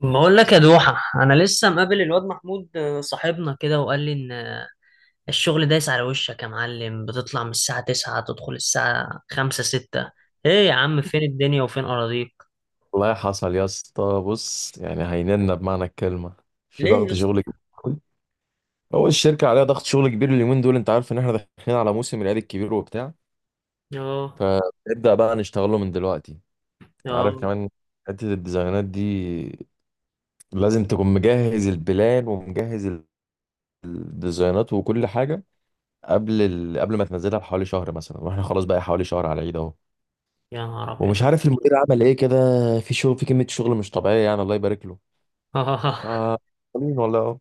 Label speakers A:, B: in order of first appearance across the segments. A: بقول لك يا دوحة، أنا لسه مقابل الواد محمود، صاحبنا كده وقال لي إن الشغل دايس على وشك يا معلم. بتطلع من الساعة تسعة، تدخل الساعة خمسة ستة. إيه يا عم، فين الدنيا وفين أراضيك؟
B: والله حصل يا اسطى، بص يعني هيننا بمعنى الكلمة، في
A: ليه يا
B: ضغط
A: اسطى؟
B: شغل كبير أوي. هو الشركة عليها ضغط شغل كبير اليومين دول، انت عارف ان احنا داخلين على موسم العيد الكبير وبتاع،
A: آه،
B: فنبدأ بقى نشتغله من دلوقتي. انت عارف
A: آه.
B: كمان، حتة الديزاينات دي لازم تكون مجهز البلان ومجهز الديزاينات وكل حاجة قبل قبل ما تنزلها بحوالي شهر مثلا، واحنا خلاص بقى حوالي شهر على العيد اهو.
A: يا نهار أبيض.
B: ومش عارف المدير عمل ايه كده، في شغل، في كمية شغل مش طبيعية يعني، الله يبارك له.
A: آه.
B: ف- مين والله اهو.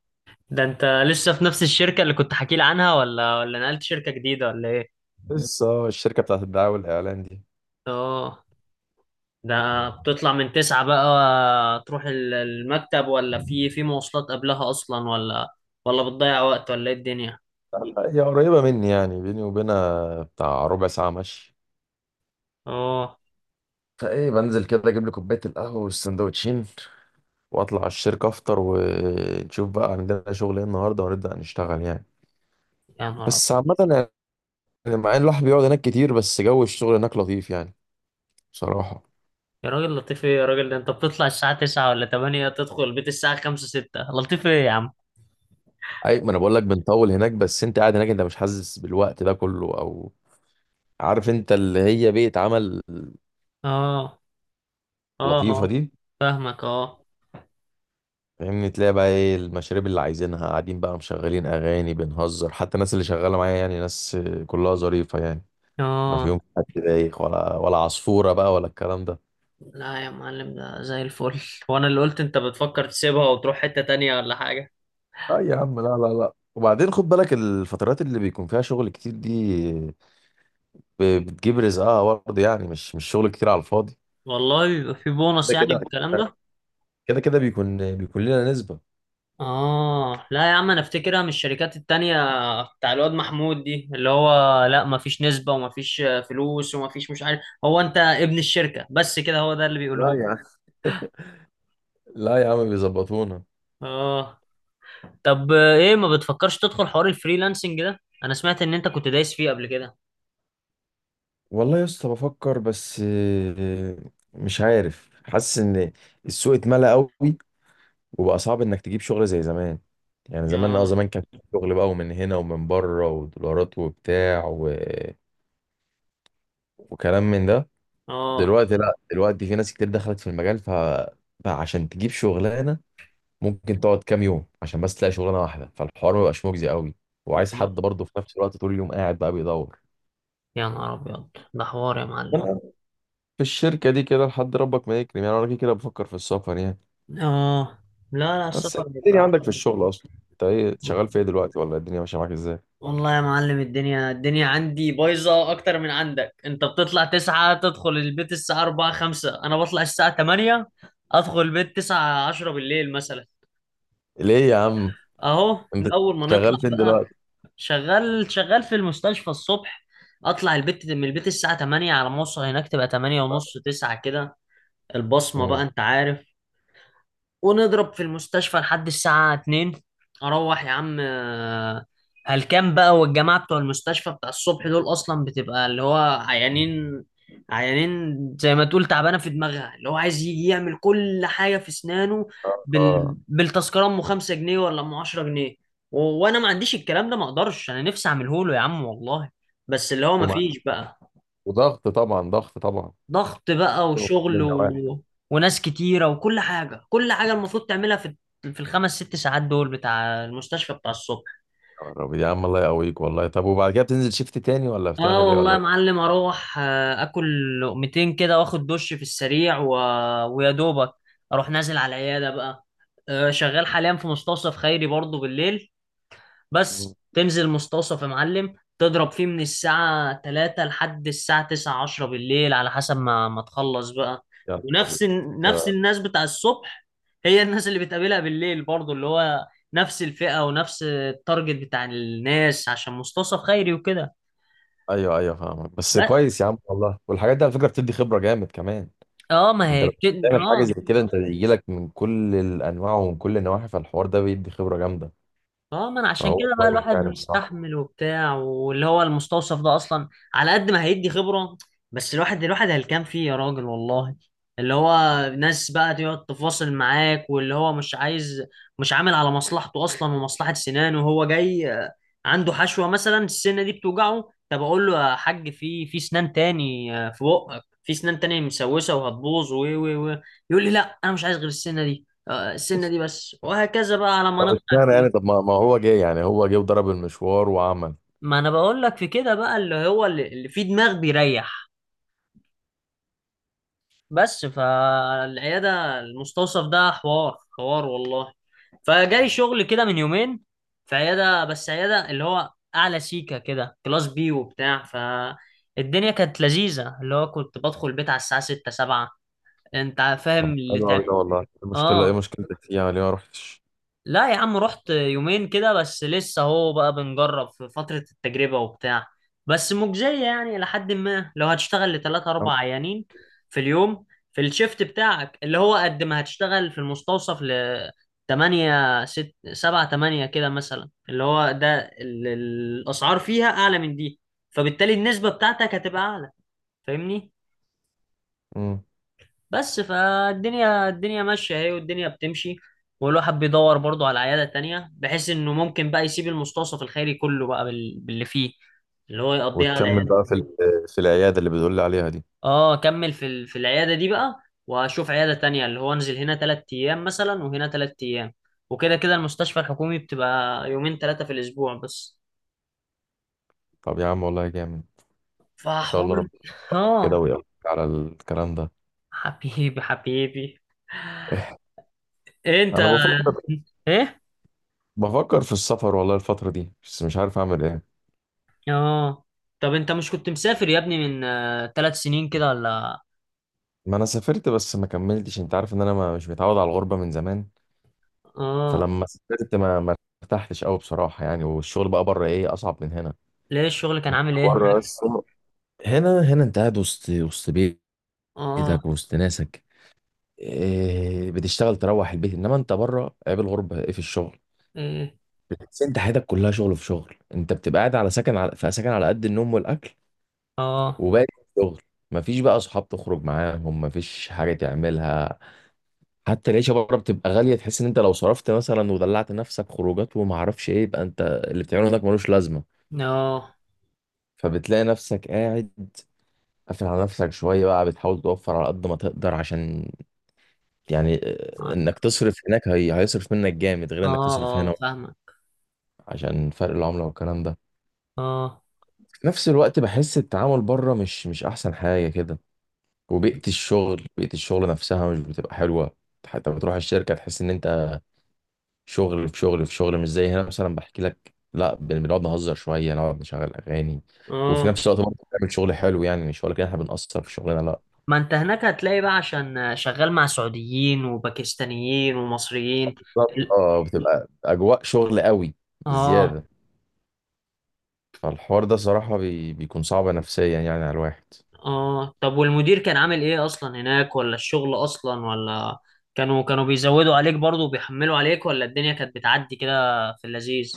A: ده أنت لسه في نفس الشركة اللي كنت حكي لي عنها، ولا نقلت شركة جديدة ولا إيه؟
B: لسه، الشركة بتاعت الدعاية والإعلان دي.
A: آه. ده بتطلع من تسعة بقى تروح المكتب، ولا في مواصلات قبلها أصلا، ولا بتضيع وقت، ولا إيه الدنيا؟
B: هي قريبة مني يعني، بيني وبينها بتاع ربع ساعة مشي،
A: اه.
B: فايه بنزل كده اجيب لي كوبايه القهوه والسندوتشين وأطلع على الشركة أفطر ونشوف بقى عندنا شغل إيه النهاردة ونبدأ نشتغل يعني.
A: يا نهار
B: بس
A: ابيض.
B: عامة، يعني مع إن الواحد بيقعد هناك كتير بس جو الشغل هناك لطيف يعني، بصراحة.
A: يا راجل، لطيف ايه يا راجل؟ ده انت بتطلع الساعة 9 ولا 8، تدخل البيت الساعة 5 6، لطيف ايه يا عم؟
B: أي ما أنا بقول لك بنطول هناك، بس أنت قاعد هناك أنت مش حاسس بالوقت ده كله، أو عارف أنت اللي هي بيئة عمل
A: اه، اه،
B: لطيفة
A: اه،
B: دي.
A: فاهمك. اه،
B: فاهمني؟ تلاقي بقى ايه المشاريب اللي عايزينها، قاعدين بقى مشغلين اغاني بنهزر، حتى الناس اللي شغاله معايا يعني ناس كلها ظريفه يعني، ما
A: اه.
B: فيهم حد بايخ ولا عصفوره بقى ولا الكلام ده.
A: لا يا معلم، ده زي الفل. وانا اللي قلت انت بتفكر تسيبها وتروح حتة تانية ولا حاجة.
B: اه يا عم، لا لا لا، وبعدين خد بالك الفترات اللي بيكون فيها شغل كتير دي بتجيب رزقها برضه يعني، مش شغل كتير على الفاضي.
A: والله بيبقى في بونص
B: كده
A: يعني
B: كده
A: والكلام ده.
B: كده كده بيكون لنا نسبه.
A: اه، لا يا عم، انا افتكرها من الشركات التانية بتاع الواد محمود دي، اللي هو لا مفيش نسبة، ومفيش فلوس، ومفيش مش عارف، هو انت ابن الشركة بس كده، هو ده اللي
B: لا
A: بيقوله.
B: يا عم. لا يا عم بيظبطونا.
A: اه. طب ايه ما بتفكرش تدخل حوار الفريلانسنج ده؟ انا سمعت ان انت كنت دايس فيه قبل كده.
B: والله يا اسطى بفكر، بس مش عارف، حاسس ان السوق اتملى قوي وبقى صعب انك تجيب شغل زي زمان. يعني
A: اه،
B: زمان كان في شغل بقى، ومن هنا ومن بره ودولارات وبتاع وكلام من ده.
A: اه،
B: دلوقتي لا، دلوقتي في ناس كتير دخلت في المجال، فبقى عشان تجيب شغلانه ممكن تقعد كام يوم عشان بس تلاقي شغلانه واحده، فالحوار ما بقاش مجزي قوي، وعايز حد برضه في نفس الوقت طول اليوم قاعد بقى بيدور.
A: يا نهار ابيض، ده حوار يا معلم.
B: أنا في الشركه دي كده لحد ربك ما يكرم يعني، انا كده كده بفكر في السفر يعني.
A: اه، لا لا،
B: بس إنت
A: السفر
B: الدنيا
A: بيبقى.
B: عندك في الشغل اصلا، انت ايه شغال في ايه دلوقتي، ولا الدنيا ماشيه معاك ازاي؟
A: والله يا معلم، الدنيا الدنيا عندي بايظة أكتر من عندك. أنت بتطلع تسعة تدخل البيت الساعة أربعة خمسة، أنا بطلع الساعة تمانية أدخل البيت تسعة عشرة بالليل مثلا.
B: ليه يا عم؟
A: أهو
B: انت
A: من أول ما نطلع
B: شغال فين
A: بقى.
B: دلوقتي؟
A: شغال شغال في المستشفى الصبح. اطلع البيت، من البيت الساعة 8، على ما اوصل هناك تبقى 8 ونص 9 كده، البصمة بقى
B: مم.
A: انت عارف. ونضرب في المستشفى لحد الساعة 2. اروح يا عم، هلكان بقى. والجماعة بتوع المستشفى بتاع الصبح دول اصلا بتبقى اللي هو عيانين، عيانين زي ما تقول تعبانة في دماغها، اللي هو عايز يجي يعمل كل حاجة في اسنانه
B: اه.
A: بالتذكرة ام 5 جنيه ولا ام 10 جنيه. وانا ما عنديش الكلام ده، ما اقدرش انا نفسي اعمله له يا عم والله. بس اللي هو ما
B: ومع-
A: فيش بقى.
B: وضغط طبعا، ضغط طبعا،
A: ضغط بقى،
B: من كل
A: وشغل
B: النواحي.
A: وناس كتيرة، وكل حاجة، كل حاجة المفروض تعملها في في الخمس ست ساعات دول بتاع المستشفى بتاع الصبح.
B: يا رب يا عم، الله يقويك والله. طب وبعد كده بتنزل شيفت تاني، ولا
A: اه،
B: بتعمل ايه
A: والله
B: ولا
A: يا
B: ايه؟
A: معلم اروح، اكل لقمتين كده، واخد دش في السريع ويا دوبك اروح نازل على العيادة بقى. شغال حاليا في مستوصف خيري برضه بالليل.
B: مم.
A: بس تنزل مستوصف يا معلم، تضرب فيه من الساعة 3 لحد الساعة 9 10 بالليل، على حسب ما ما تخلص بقى.
B: يا نهار أبيض.
A: ونفس ال- نفس
B: ده-
A: الناس بتاع الصبح. هي الناس اللي بتقابلها بالليل برضو اللي هو نفس الفئة ونفس التارجت بتاع الناس، عشان مستوصف خيري وكده.
B: ايوه ايوه، فاهمك بس،
A: بس
B: كويس يا عم والله. والحاجات دي على فكره بتدي خبره جامد كمان.
A: اه ما
B: انت
A: هي
B: لو بتعمل حاجه
A: اه،
B: زي كده، انت بيجي لك من كل الانواع ومن كل النواحي، فالحوار ده بيدي خبره جامده،
A: اه. ما انا عشان
B: فهو
A: كده بقى
B: كويس
A: الواحد
B: يعني بصراحه.
A: مستحمل وبتاع، واللي هو المستوصف ده اصلا على قد ما هيدي خبرة، بس الواحد الواحد هلكان فيه يا راجل والله. اللي هو ناس بقى تقعد تفاصل معاك، واللي هو مش عايز، مش عامل على مصلحته اصلا ومصلحة سنانه، وهو جاي عنده حشوة مثلا السنة دي بتوجعه. طب اقول له يا حاج في في سنان تاني، في بقك في سنان تانية مسوسة وهتبوظ و و و يقول لي لا انا مش عايز غير السنة دي، السنة دي بس، وهكذا بقى على ما
B: طب
A: نقنع
B: اشمعنى يعني؟
A: فيه.
B: طب ما هو جه يعني، هو جه وضرب المشوار وعمل.
A: ما انا بقول لك في كده بقى اللي هو اللي فيه دماغ بيريح. بس فالعياده، المستوصف ده حوار حوار والله. فجالي شغل كده من يومين في عياده، بس عياده اللي هو اعلى سيكه كده، كلاس بي وبتاع، فالدنيا كانت لذيذه، اللي هو كنت بدخل البيت على الساعه 6 7، انت
B: طب
A: فاهم اللي
B: حلو قوي ده والله، إيه المشكله، ايه
A: اه.
B: مشكلتك فيه يعني، ليه ما رحتش؟
A: لا يا عم، رحت يومين كده بس، لسه اهو بقى بنجرب في فترة التجربة وبتاع. بس مجزية يعني، لحد ما لو هتشتغل لتلاتة أربع عيانين في اليوم، في الشيفت بتاعك، اللي هو قد ما هتشتغل في المستوصف ل تمانية ست سبعة تمانية كده مثلا، اللي هو ده الأسعار فيها أعلى من دي، فبالتالي النسبة بتاعتك هتبقى أعلى. فاهمني؟
B: امم.
A: بس فالدنيا الدنيا ماشية اهي، والدنيا بتمشي. والواحد بيدور برضه على عيادة تانية، بحيث انه ممكن بقى يسيب المستوصف الخيري كله بقى باللي فيه، اللي هو يقضيها على
B: وتكمل
A: العيادة.
B: بقى في في العياده اللي بتقول لي عليها دي؟
A: اه، كمل في العيادة دي بقى، واشوف عيادة تانية، اللي هو انزل هنا 3 ايام مثلا، وهنا 3 ايام. وكده كده المستشفى الحكومي بتبقى يومين تلاتة في الاسبوع بس.
B: طب يا عم والله جامد، ان شاء الله
A: فحوار.
B: ربنا يوفقك كده
A: اه،
B: ويقولك على الكلام ده.
A: حبيبي حبيبي.
B: إيه،
A: إيه انت؟
B: انا
A: ايه.
B: بفكر في السفر والله الفتره دي، بس مش عارف اعمل ايه.
A: اه، طب انت مش كنت مسافر يا ابني من 3 سنين كده ولا؟
B: ما انا سافرت بس ما كملتش، انت عارف ان انا ما مش متعود على الغربه من زمان،
A: اه.
B: فلما سافرت ما ارتحتش قوي بصراحه يعني، والشغل بقى بره ايه اصعب من هنا.
A: ليه الشغل كان عامل ايه هناك؟
B: بره بس، هنا انت قاعد وسط
A: اه،
B: بيتك وسط ناسك. إيه، بتشتغل تروح البيت، انما انت بره عيب الغربه ايه في الشغل،
A: ايه،
B: بس انت حياتك كلها شغل في شغل. انت بتبقى قاعد على سكن على في سكن على قد النوم والاكل،
A: اه،
B: وباقي شغل، مفيش بقى اصحاب تخرج معاهم، مفيش حاجه تعملها. حتى العيشه بره بتبقى غاليه، تحس ان انت لو صرفت مثلا ودلعت نفسك خروجات وما اعرفش ايه، يبقى انت اللي بتعمله هناك ملوش لازمه.
A: اه،
B: فبتلاقي نفسك قاعد قافل على نفسك شويه بقى، بتحاول توفر على قد ما تقدر، عشان يعني انك تصرف هناك هيصرف منك جامد غير
A: اه،
B: انك تصرف هنا،
A: اه فاهمك،
B: عشان فرق العملة والكلام ده.
A: اه،
B: في نفس الوقت بحس التعامل بره مش احسن حاجة كده، وبيئة الشغل، بيئة الشغل نفسها مش بتبقى حلوة. حتى بتروح الشركة تحس ان انت شغل في شغل في شغل، مش زي هنا مثلا بحكي لك، لا، بنقعد نهزر شوية، نقعد نشغل اغاني، وفي
A: اه.
B: نفس الوقت برضه بنعمل شغل حلو يعني، مش ولا كده احنا بنقصر في شغلنا؟ لا.
A: ما انت هناك هتلاقي بقى عشان شغال مع سعوديين وباكستانيين ومصريين.
B: بالظبط.
A: ال-
B: اه، بتبقى اجواء شغل قوي
A: اه،
B: بزيادة، فالحوار ده صراحة بيكون صعب نفسيا يعني على الواحد.
A: اه. طب والمدير كان عامل ايه اصلا هناك، ولا الشغل اصلا، ولا كانوا بيزودوا عليك برضه وبيحملوا عليك، ولا الدنيا كانت بتعدي كده في اللذيذ؟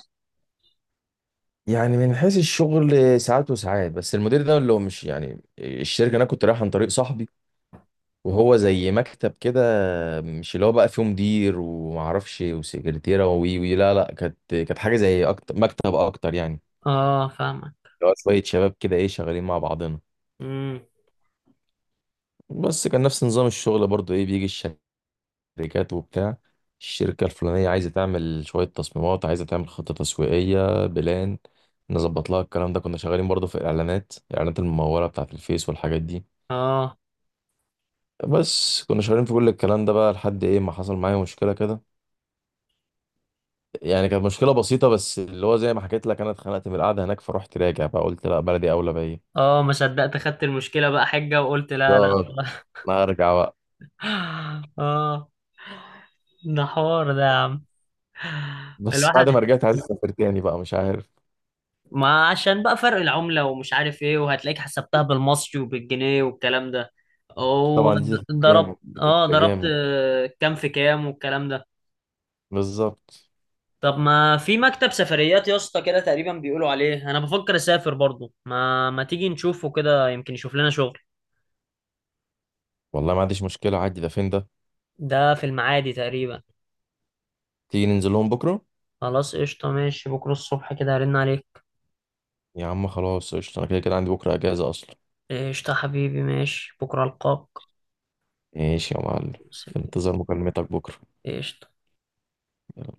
B: يعني من حيث الشغل ساعات وساعات، بس المدير ده اللي هو مش يعني الشركة، أنا كنت رايح عن طريق صاحبي وهو زي مكتب كده، مش اللي هو بقى فيه مدير ومعرفش وسكرتيرة وي وي، لا لا، كانت حاجة زي أكتر مكتب أكتر يعني،
A: اه، فاهمك.
B: اللي هو شوية شباب كده إيه، شغالين مع بعضنا.
A: امم.
B: بس كان نفس نظام الشغل برضو، إيه، بيجي شركات وبتاع، الشركة الفلانية عايزة تعمل شوية تصميمات، عايزة تعمل خطة تسويقية بلان، نظبط لها الكلام ده. كنا شغالين برضه في الإعلانات الممولة بتاعة الفيس والحاجات دي،
A: اه،
B: بس كنا شغالين في كل الكلام ده بقى لحد إيه ما حصل معايا مشكلة كده. يعني كانت مشكلة بسيطة، بس اللي هو زي ما حكيت لك، أنا اتخنقت من القعدة هناك، فروحت راجع بقى، قلت لا بلدي أولى بيا.
A: اه، ما صدقت، خدت المشكلة بقى حجة، وقلت لا لا.
B: بالظبط. أنا هرجع بقى.
A: اه. ده حوار ده يا عم.
B: بس بعد
A: الواحد
B: ما رجعت عايز أسافر تاني بقى، مش عارف.
A: ما عشان بقى فرق العملة ومش عارف ايه، وهتلاقيك حسبتها بالمصري وبالجنيه والكلام ده.
B: طبعا دي تفرق جامد،
A: وضربت
B: دي
A: اه
B: تفرق
A: ضربت
B: جامد.
A: كام في كام والكلام ده.
B: بالظبط.
A: طب ما في مكتب سفريات يا اسطى كده تقريبا بيقولوا عليه، انا بفكر اسافر برضو، ما ما تيجي نشوفه كده، يمكن يشوف لنا شغل.
B: والله ما عنديش مشكلة عادي، ده فين ده؟
A: ده في المعادي تقريبا.
B: تيجي ننزل لهم بكرة.
A: خلاص قشطة، ماشي بكرة الصبح كده هرن عليك.
B: يا عم خلاص قشطة، أنا كده كده عندي بكرة أجازة أصلا.
A: قشطة حبيبي، ماشي بكرة ألقاك.
B: ماشي يا معلم. في
A: سلام.
B: انتظار مكالمتك بكرة.
A: قشطة.
B: يلا.